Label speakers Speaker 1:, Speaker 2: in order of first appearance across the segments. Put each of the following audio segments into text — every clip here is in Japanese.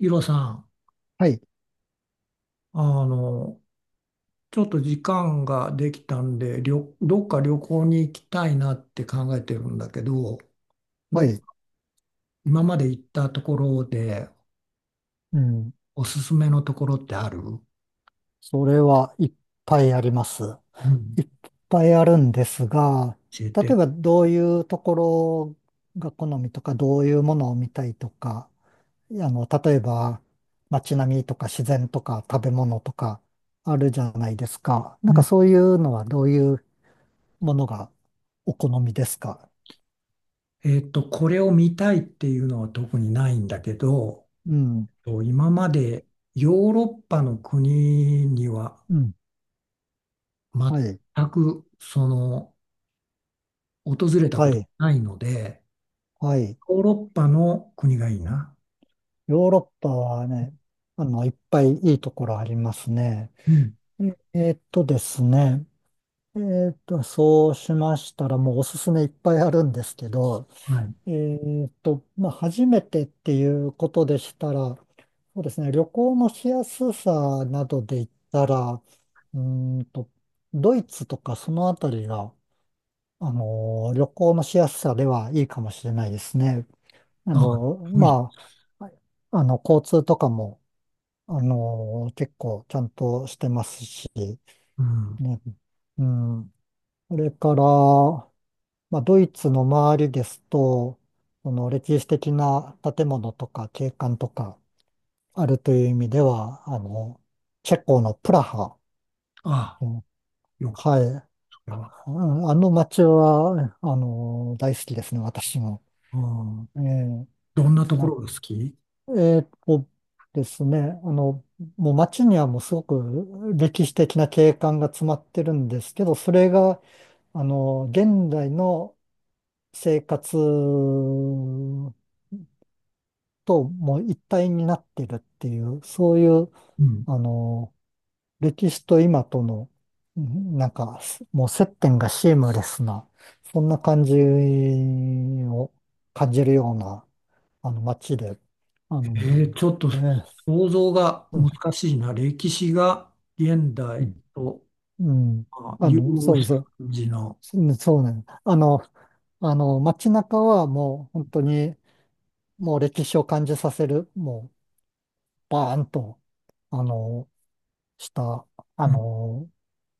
Speaker 1: イロさん、
Speaker 2: はい、
Speaker 1: あの、ちょっと時間ができたんで、どっか旅行に行きたいなって考えてるんだけど、
Speaker 2: は
Speaker 1: ど、
Speaker 2: い、
Speaker 1: 今まで行ったところで
Speaker 2: うん。
Speaker 1: おすすめのところってある？
Speaker 2: それはいっぱいあります。
Speaker 1: うん、
Speaker 2: いっぱいあるんですが、
Speaker 1: 教え
Speaker 2: 例
Speaker 1: て。
Speaker 2: えばどういうところが好みとか、どういうものを見たいとか、例えば街並みとか自然とか食べ物とかあるじゃないですか。なん
Speaker 1: う
Speaker 2: か
Speaker 1: ん、
Speaker 2: そういうのはどういうものがお好みですか？
Speaker 1: これを見たいっていうのは特にないんだけど、
Speaker 2: うん、
Speaker 1: 今までヨーロッパの国には
Speaker 2: うん、はい、
Speaker 1: 全く訪れた
Speaker 2: は
Speaker 1: こと
Speaker 2: い、
Speaker 1: ないので、
Speaker 2: はい。
Speaker 1: ヨーロッパの国がいいな。
Speaker 2: ヨーロッパはね、いっぱいいいところありますね。
Speaker 1: うん。
Speaker 2: ええーっとですね。そうしましたら、もうおすすめいっぱいあるんですけど、
Speaker 1: はい。
Speaker 2: まあ、初めてっていうことでしたら、そうですね、旅行のしやすさなどで言ったら、ーんと、ドイツとかそのあたりが、旅行のしやすさではいいかもしれないですね。
Speaker 1: あ、遠い。
Speaker 2: まあ、交通とかも、結構ちゃんとしてますし、
Speaker 1: うん。
Speaker 2: ね。うん。それから、まあ、ドイツの周りですと、その歴史的な建物とか景観とかあるという意味では、チェコのプラハ。
Speaker 1: あ、
Speaker 2: うん。
Speaker 1: よく、
Speaker 2: はい。
Speaker 1: それは。
Speaker 2: うん。あの街は、大好きですね、私も。
Speaker 1: うん。
Speaker 2: えー
Speaker 1: どんなとこ
Speaker 2: な、
Speaker 1: ろが好き？
Speaker 2: えーっとですね、もう街にはもうすごく歴史的な景観が詰まってるんですけど、それが、現代の生活ともう一体になってるっていう、そういう、
Speaker 1: うん。
Speaker 2: あの、歴史と今との、なんか、もう接点がシームレスな、そんな感じを感じるような、街で、あ
Speaker 1: え
Speaker 2: の、
Speaker 1: ちょっと
Speaker 2: えー
Speaker 1: 想像が
Speaker 2: うん
Speaker 1: 難しいな。歴史が現
Speaker 2: う
Speaker 1: 代と
Speaker 2: ん、うん。
Speaker 1: 融合
Speaker 2: そうで
Speaker 1: した
Speaker 2: す。
Speaker 1: 感じの。
Speaker 2: うん。そうね。あの、街中はもう本当に、もう歴史を感じさせる、もう、バーンと、あの、した、あ
Speaker 1: うん。
Speaker 2: の、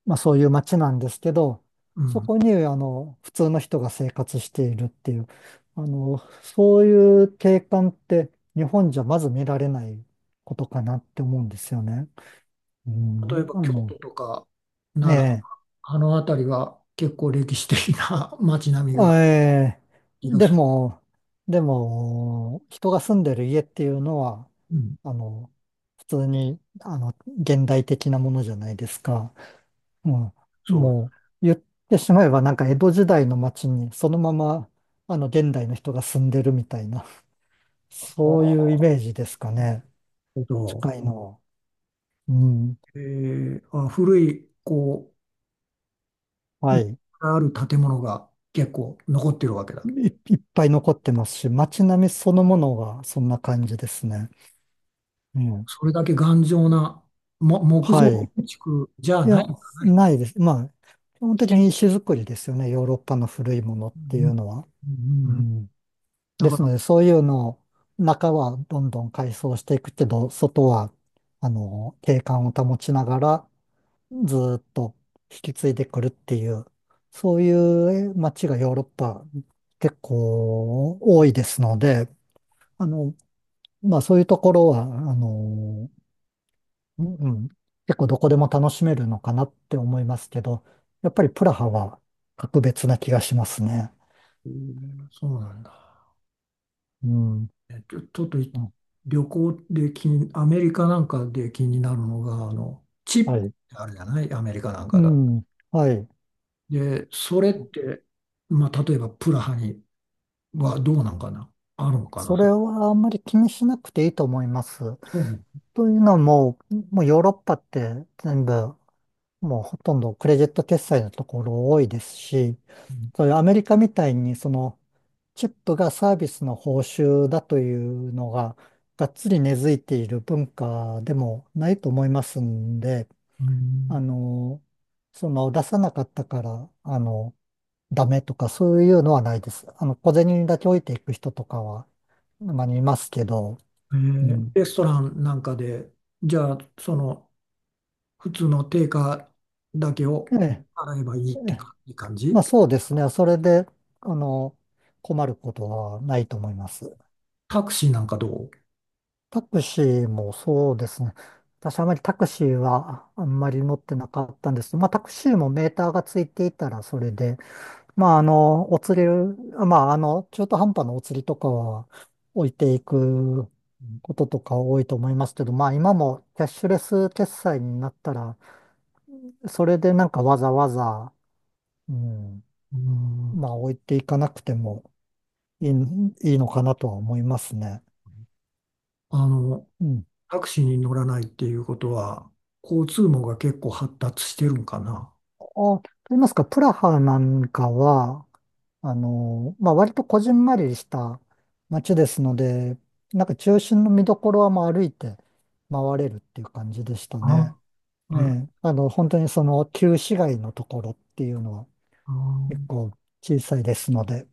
Speaker 2: まあ、そういう街なんですけど、
Speaker 1: う
Speaker 2: そ
Speaker 1: ん。
Speaker 2: こに、普通の人が生活しているっていう、そういう景観って日本じゃまず見られないことかなって思うんですよね。う
Speaker 1: 例え
Speaker 2: ん、
Speaker 1: ば京都とか
Speaker 2: え
Speaker 1: 奈良、
Speaker 2: え、
Speaker 1: あの辺りは結構歴史的な 街並みが
Speaker 2: ええ、
Speaker 1: いらっしゃる。
Speaker 2: でも、人が住んでる家っていうのは、
Speaker 1: うん。
Speaker 2: あの、普通に、現代的なものじゃないですか。うん、
Speaker 1: そう。
Speaker 2: もう言ってしまえばなんか江戸時代の町にそのままあの現代の人が住んでるみたいな、
Speaker 1: あ、
Speaker 2: そうい
Speaker 1: な
Speaker 2: うイメージですかね。
Speaker 1: るほど。
Speaker 2: 近いの。うん。
Speaker 1: あ、古い、こう、
Speaker 2: はい。
Speaker 1: ある建物が結構残ってるわけだ。
Speaker 2: い、いっぱい残ってますし、街並みそのものがそんな感じですね。うん。
Speaker 1: それだけ頑丈な、木
Speaker 2: は
Speaker 1: 造
Speaker 2: い。
Speaker 1: 建築じゃ
Speaker 2: い
Speaker 1: ない
Speaker 2: や、
Speaker 1: んだね。
Speaker 2: ないです。まあ、基本的に石造りですよね。ヨーロッパの古いものっ
Speaker 1: う
Speaker 2: ていう
Speaker 1: ん
Speaker 2: のは。
Speaker 1: うんう
Speaker 2: う
Speaker 1: ん。うん、
Speaker 2: ん。
Speaker 1: だ
Speaker 2: で
Speaker 1: か
Speaker 2: す
Speaker 1: ら、
Speaker 2: ので、そういうのを、中はどんどん改装していくけど、外は、景観を保ちながら、ずーっと引き継いでくるっていう、そういう街がヨーロッパ結構多いですので、あの、まあそういうところは、うんうん、結構どこでも楽しめるのかなって思いますけど、やっぱりプラハは格別な気がしますね。
Speaker 1: うん、そうなんだ。
Speaker 2: うん。
Speaker 1: えちょ、ちょっと
Speaker 2: あ。
Speaker 1: 旅行でアメリカなんかで気になるのが、チ
Speaker 2: は
Speaker 1: ップ
Speaker 2: い。
Speaker 1: ってあるじゃない、アメリカなん
Speaker 2: う
Speaker 1: かだ。
Speaker 2: ん。はい。
Speaker 1: で、それって、まあ、例えばプラハにはどうなんかな、あるのかな。
Speaker 2: そ
Speaker 1: そ
Speaker 2: れ
Speaker 1: う。
Speaker 2: はあんまり気にしなくていいと思います。
Speaker 1: そう。う
Speaker 2: というのはもうヨーロッパって全部、もうほとんどクレジット決済のところ多いですし、
Speaker 1: ん
Speaker 2: そういうアメリカみたいにそのチップがサービスの報酬だというのががっつり根付いている文化でもないと思いますんで、
Speaker 1: うん。
Speaker 2: あの、その出さなかったから、ダメとかそういうのはないです。小銭だけ置いていく人とかは、まあ、いますけど、うん。
Speaker 1: レストランなんかで、じゃあ、普通の定価だけを
Speaker 2: ええ、
Speaker 1: 払えばいいっ
Speaker 2: え
Speaker 1: て
Speaker 2: え、
Speaker 1: か、いい感
Speaker 2: ま
Speaker 1: じ？
Speaker 2: あそうですね。それで、あの、困ることはないと思います。
Speaker 1: タクシーなんかどう？
Speaker 2: タクシーもそうですね。私あまりタクシーはあんまり乗ってなかったんです。まあタクシーもメーターがついていたらそれで、まあお釣り、まあ中途半端なお釣りとかは置いていくこととか多いと思いますけど、まあ今もキャッシュレス決済になったら、それでなんかわざわざ、うん、
Speaker 1: うん、うん。
Speaker 2: まあ置いていかなくてもいい、いいのかなとは思いますね。
Speaker 1: あの、
Speaker 2: うん。
Speaker 1: タクシーに乗らないっていうことは、交通網が結構発達してるんかな？
Speaker 2: あ、と言いますか、プラハなんかは、まあ割とこじんまりした街ですので、なんか中心の見どころはまあ歩いて回れるっていう感じでした
Speaker 1: あ、
Speaker 2: ね。え
Speaker 1: ある、
Speaker 2: え、本当にその旧市街のところっていうのは
Speaker 1: あ
Speaker 2: 結
Speaker 1: ー、
Speaker 2: 構小さいですので、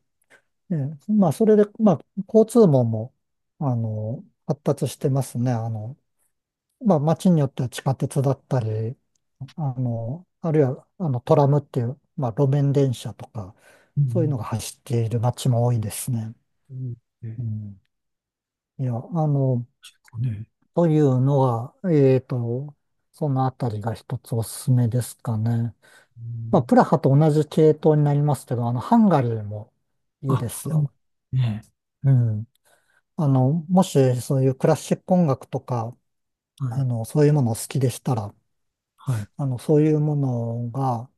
Speaker 2: ええ、まあそれで、まあ交通網も、発達してますね。まあ、街によっては地下鉄だったり、あるいは、トラムっていう、まあ、路面電車とか、
Speaker 1: う
Speaker 2: そういう
Speaker 1: ん、
Speaker 2: のが走っている街も多いですね。
Speaker 1: うん、ね、
Speaker 2: うん。いや、
Speaker 1: 結構ね、
Speaker 2: というのは、そのあたりが一つおすすめですかね。
Speaker 1: う
Speaker 2: まあ、
Speaker 1: ん、
Speaker 2: プラハと同じ系統になりますけど、ハンガリーもいいで
Speaker 1: あ、
Speaker 2: す
Speaker 1: うん、
Speaker 2: よ。
Speaker 1: ね、
Speaker 2: うん。もしそういうクラシック音楽とか、
Speaker 1: はい、
Speaker 2: そういうものを好きでしたら、
Speaker 1: はい、
Speaker 2: そういうものが、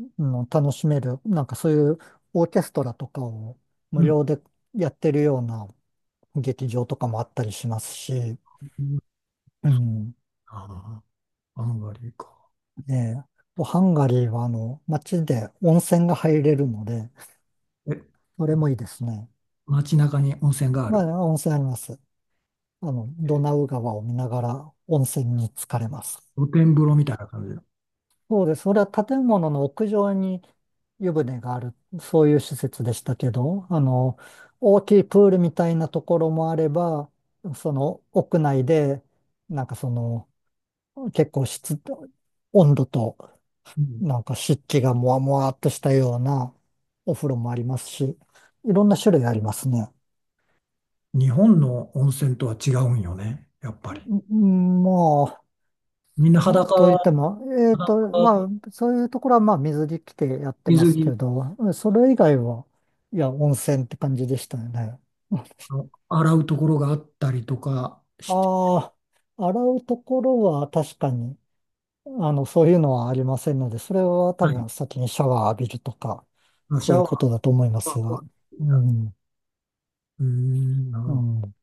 Speaker 2: 楽しめる、なんかそういうオーケストラとかを
Speaker 1: う
Speaker 2: 無
Speaker 1: ん、
Speaker 2: 料でやってるような劇場とかもあったりしますし、
Speaker 1: うん、
Speaker 2: うん、
Speaker 1: ああ、あんまりか。
Speaker 2: ねえ、ハンガリーは街で温泉が入れるので、
Speaker 1: え、
Speaker 2: それもいいですね。
Speaker 1: 街中に温泉があ
Speaker 2: ま
Speaker 1: る？
Speaker 2: あ、温泉あります。ドナウ川を見ながら温泉に浸かれます。
Speaker 1: 露天風呂みたいな感じの。
Speaker 2: そうです。それは建物の屋上に湯船がある、そういう施設でしたけど、大きいプールみたいなところもあれば、その屋内で、なんかその、結構湿、温度と、
Speaker 1: うん、
Speaker 2: なんか湿気がもわもわっとしたようなお風呂もありますし、いろんな種類ありますね。
Speaker 1: 日本の温泉とは違うんよね、やっぱり。
Speaker 2: うん、まあ
Speaker 1: みんな
Speaker 2: と言って
Speaker 1: 裸、
Speaker 2: も、ま
Speaker 1: 裸
Speaker 2: あ、そういうところは、まあ、水着着てやってま
Speaker 1: 水
Speaker 2: すけ
Speaker 1: 着、
Speaker 2: ど、それ以外は、いや、温泉って感じでしたよね。
Speaker 1: あの洗うところがあったりとかして、
Speaker 2: ああ、洗うところは確かに、そういうのはありませんので、それは多
Speaker 1: は
Speaker 2: 分先にシャワー浴びるとか、
Speaker 1: い、シ
Speaker 2: そ
Speaker 1: ャ
Speaker 2: ういう
Speaker 1: ワー
Speaker 2: ことだと思いま
Speaker 1: と
Speaker 2: す
Speaker 1: かは。
Speaker 2: が。うん、
Speaker 1: うーん、なるほ
Speaker 2: う
Speaker 1: ど。
Speaker 2: ん。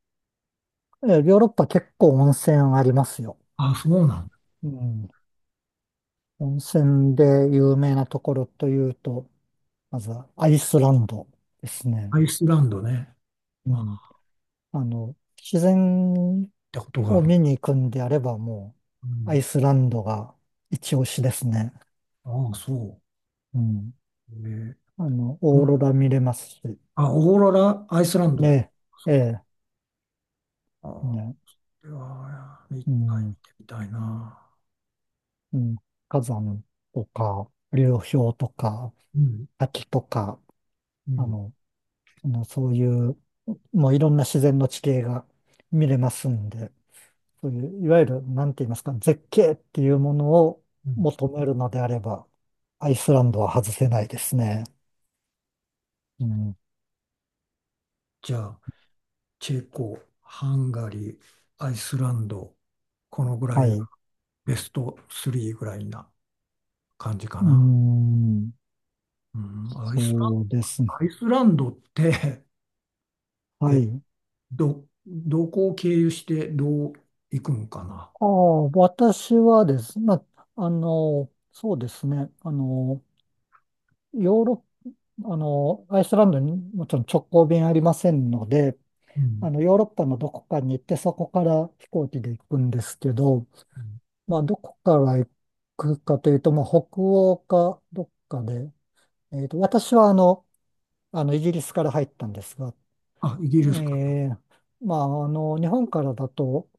Speaker 2: え、ヨーロッパ結構温泉ありますよ。
Speaker 1: あ、そうなんだ。
Speaker 2: うん。温泉で有名なところというと、まずはアイスランドですね。
Speaker 1: アイスランドね。
Speaker 2: う
Speaker 1: あ、っ
Speaker 2: ん。自然
Speaker 1: てことがあ
Speaker 2: を
Speaker 1: る。
Speaker 2: 見に行くんであればも
Speaker 1: う
Speaker 2: う、ア
Speaker 1: ん、
Speaker 2: イスランドが一押しですね。
Speaker 1: ああ、そ
Speaker 2: うん。
Speaker 1: う。うんああそう
Speaker 2: オーロラ
Speaker 1: え
Speaker 2: 見れますし、
Speaker 1: ほんあオーロラ、アイスランド。
Speaker 2: ね
Speaker 1: そ
Speaker 2: え、
Speaker 1: っか。
Speaker 2: え
Speaker 1: ああ、
Speaker 2: え、
Speaker 1: こ
Speaker 2: ね、
Speaker 1: れは、一
Speaker 2: う
Speaker 1: 回
Speaker 2: ん、
Speaker 1: 見てみたいな。
Speaker 2: うん、火山とか、流氷とか、
Speaker 1: うん
Speaker 2: 滝とか、
Speaker 1: う
Speaker 2: あ
Speaker 1: ん、
Speaker 2: の、そういう、もういろんな自然の地形が見れますんで、そういう、いわゆる、なんて言いますか、絶景っていうものを
Speaker 1: うん。
Speaker 2: 求めるのであれば、アイスランドは外せないですね。うん、
Speaker 1: じゃあ、チェコ、ハンガリー、アイスランド、このぐら
Speaker 2: は
Speaker 1: い
Speaker 2: い。
Speaker 1: が
Speaker 2: う
Speaker 1: ベスト3ぐらいな感じか
Speaker 2: ー
Speaker 1: な？
Speaker 2: ん、
Speaker 1: うん、
Speaker 2: そうですね。
Speaker 1: アイスランドって、
Speaker 2: は
Speaker 1: え、
Speaker 2: い。
Speaker 1: どこを経由してどう行くんかな？
Speaker 2: ああ、私はですね、まあ、そうですね、あの、ヨーロッ、あの、アイスランドにもちろん直行便ありませんので、
Speaker 1: うん、
Speaker 2: ヨーロッパのどこかに行って、そこから飛行機で行くんですけど、
Speaker 1: うん。
Speaker 2: まあ、どこから行くかというと、まあ、北欧かどっかで、私はイギリスから入ったんですが、
Speaker 1: あ、イギリスかな。
Speaker 2: えーまあ、日本からだと、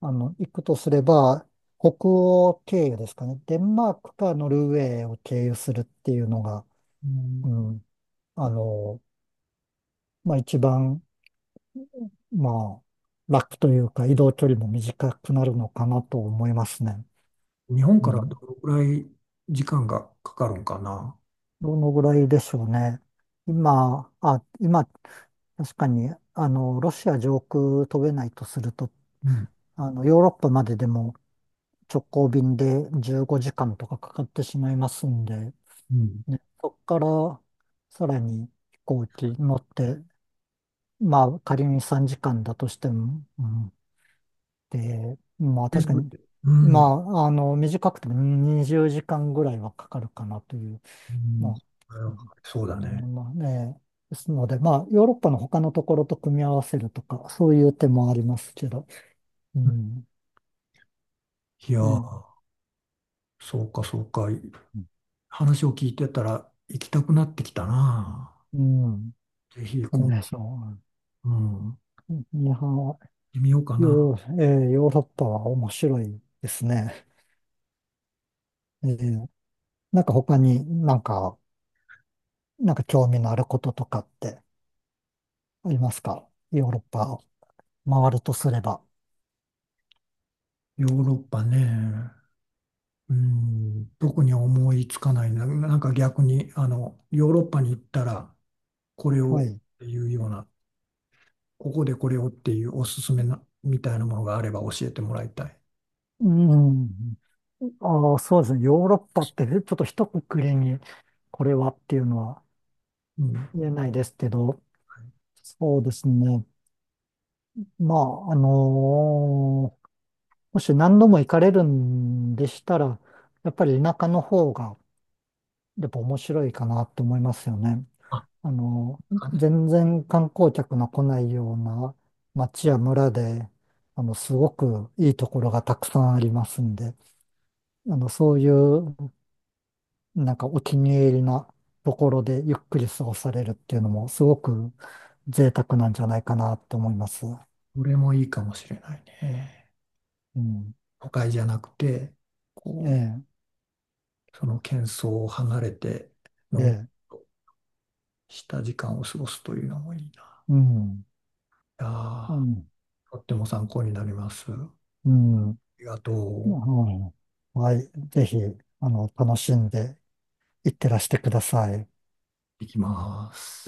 Speaker 2: 行くとすれば、北欧経由ですかね。デンマークかノルウェーを経由するっていうのが、
Speaker 1: うん、
Speaker 2: うん、あの、まあ、一番、まあ、楽というか、移動距離も短くなるのかなと思いますね。
Speaker 1: 日本
Speaker 2: う
Speaker 1: からど
Speaker 2: ん。
Speaker 1: のぐらい時間がかかるんかな？
Speaker 2: どのぐらいでしょうね。今、確かに、ロシア上空飛べないとすると、
Speaker 1: うん、
Speaker 2: ヨーロッパまででも直行便で15時間とかかかってしまいますんで、
Speaker 1: うん。
Speaker 2: ね、そこからさらに飛行機乗って、まあ、仮に3時間だとしても、うん、で、まあ、確
Speaker 1: 全
Speaker 2: か
Speaker 1: 部
Speaker 2: に、
Speaker 1: で。うん、
Speaker 2: まあ、短くても20時間ぐらいはかかるかなという
Speaker 1: う
Speaker 2: ま
Speaker 1: ん、
Speaker 2: あ、うん
Speaker 1: そうだ
Speaker 2: う
Speaker 1: ね。
Speaker 2: ん、まあね、ですので、まあ、ヨーロッパの他のところと組み合わせるとか、そういう手もありますけど、うん、
Speaker 1: いや
Speaker 2: ね、
Speaker 1: ー、そうか、そうか。
Speaker 2: う
Speaker 1: 話を聞いてたら行きたくなってきたな。
Speaker 2: ん、
Speaker 1: ぜひ、
Speaker 2: うんでしょ
Speaker 1: うん、行っ
Speaker 2: う。いや、
Speaker 1: てみようかな。
Speaker 2: ヨーロッパは面白いですね。えーなんか他になんか興味のあることとかってありますかヨーロッパを回るとすれば？
Speaker 1: ヨーロッパね。うん、特に思いつかないな。なんか逆に、ヨーロッパに行ったら、これ
Speaker 2: は
Speaker 1: をっ
Speaker 2: い。
Speaker 1: ていうような、ここでこれをっていうおすすめな、みたいなものがあれば教えてもらいたい。
Speaker 2: うん。ああ、そうですね。ヨーロッパってねちょっと一括りにこれはっていうのは
Speaker 1: うん。はい。
Speaker 2: 言えないですけど、そうですね。まあ、もし何度も行かれるんでしたら、やっぱり田舎の方がやっぱ面白いかなと思いますよね。
Speaker 1: あ、なんかね、
Speaker 2: 全然観光客の来ないような町や村で、すごくいいところがたくさんありますんで、そういうなんかお気に入りなところでゆっくり過ごされるっていうのもすごく贅沢なんじゃないかなって思います。
Speaker 1: これもいいかもしれないね。
Speaker 2: うん。
Speaker 1: 都会じゃなくて、
Speaker 2: え
Speaker 1: こ
Speaker 2: え、
Speaker 1: う、その喧騒を離れて、
Speaker 2: え
Speaker 1: のんびり
Speaker 2: え、
Speaker 1: とした時間を過ごすというのもいいな。
Speaker 2: うん。
Speaker 1: いや
Speaker 2: う
Speaker 1: ー、
Speaker 2: ん。
Speaker 1: とっても参考になります。あ
Speaker 2: うん。
Speaker 1: りがとう。
Speaker 2: はい。ぜひ、楽しんでいってらしてください。
Speaker 1: いきます。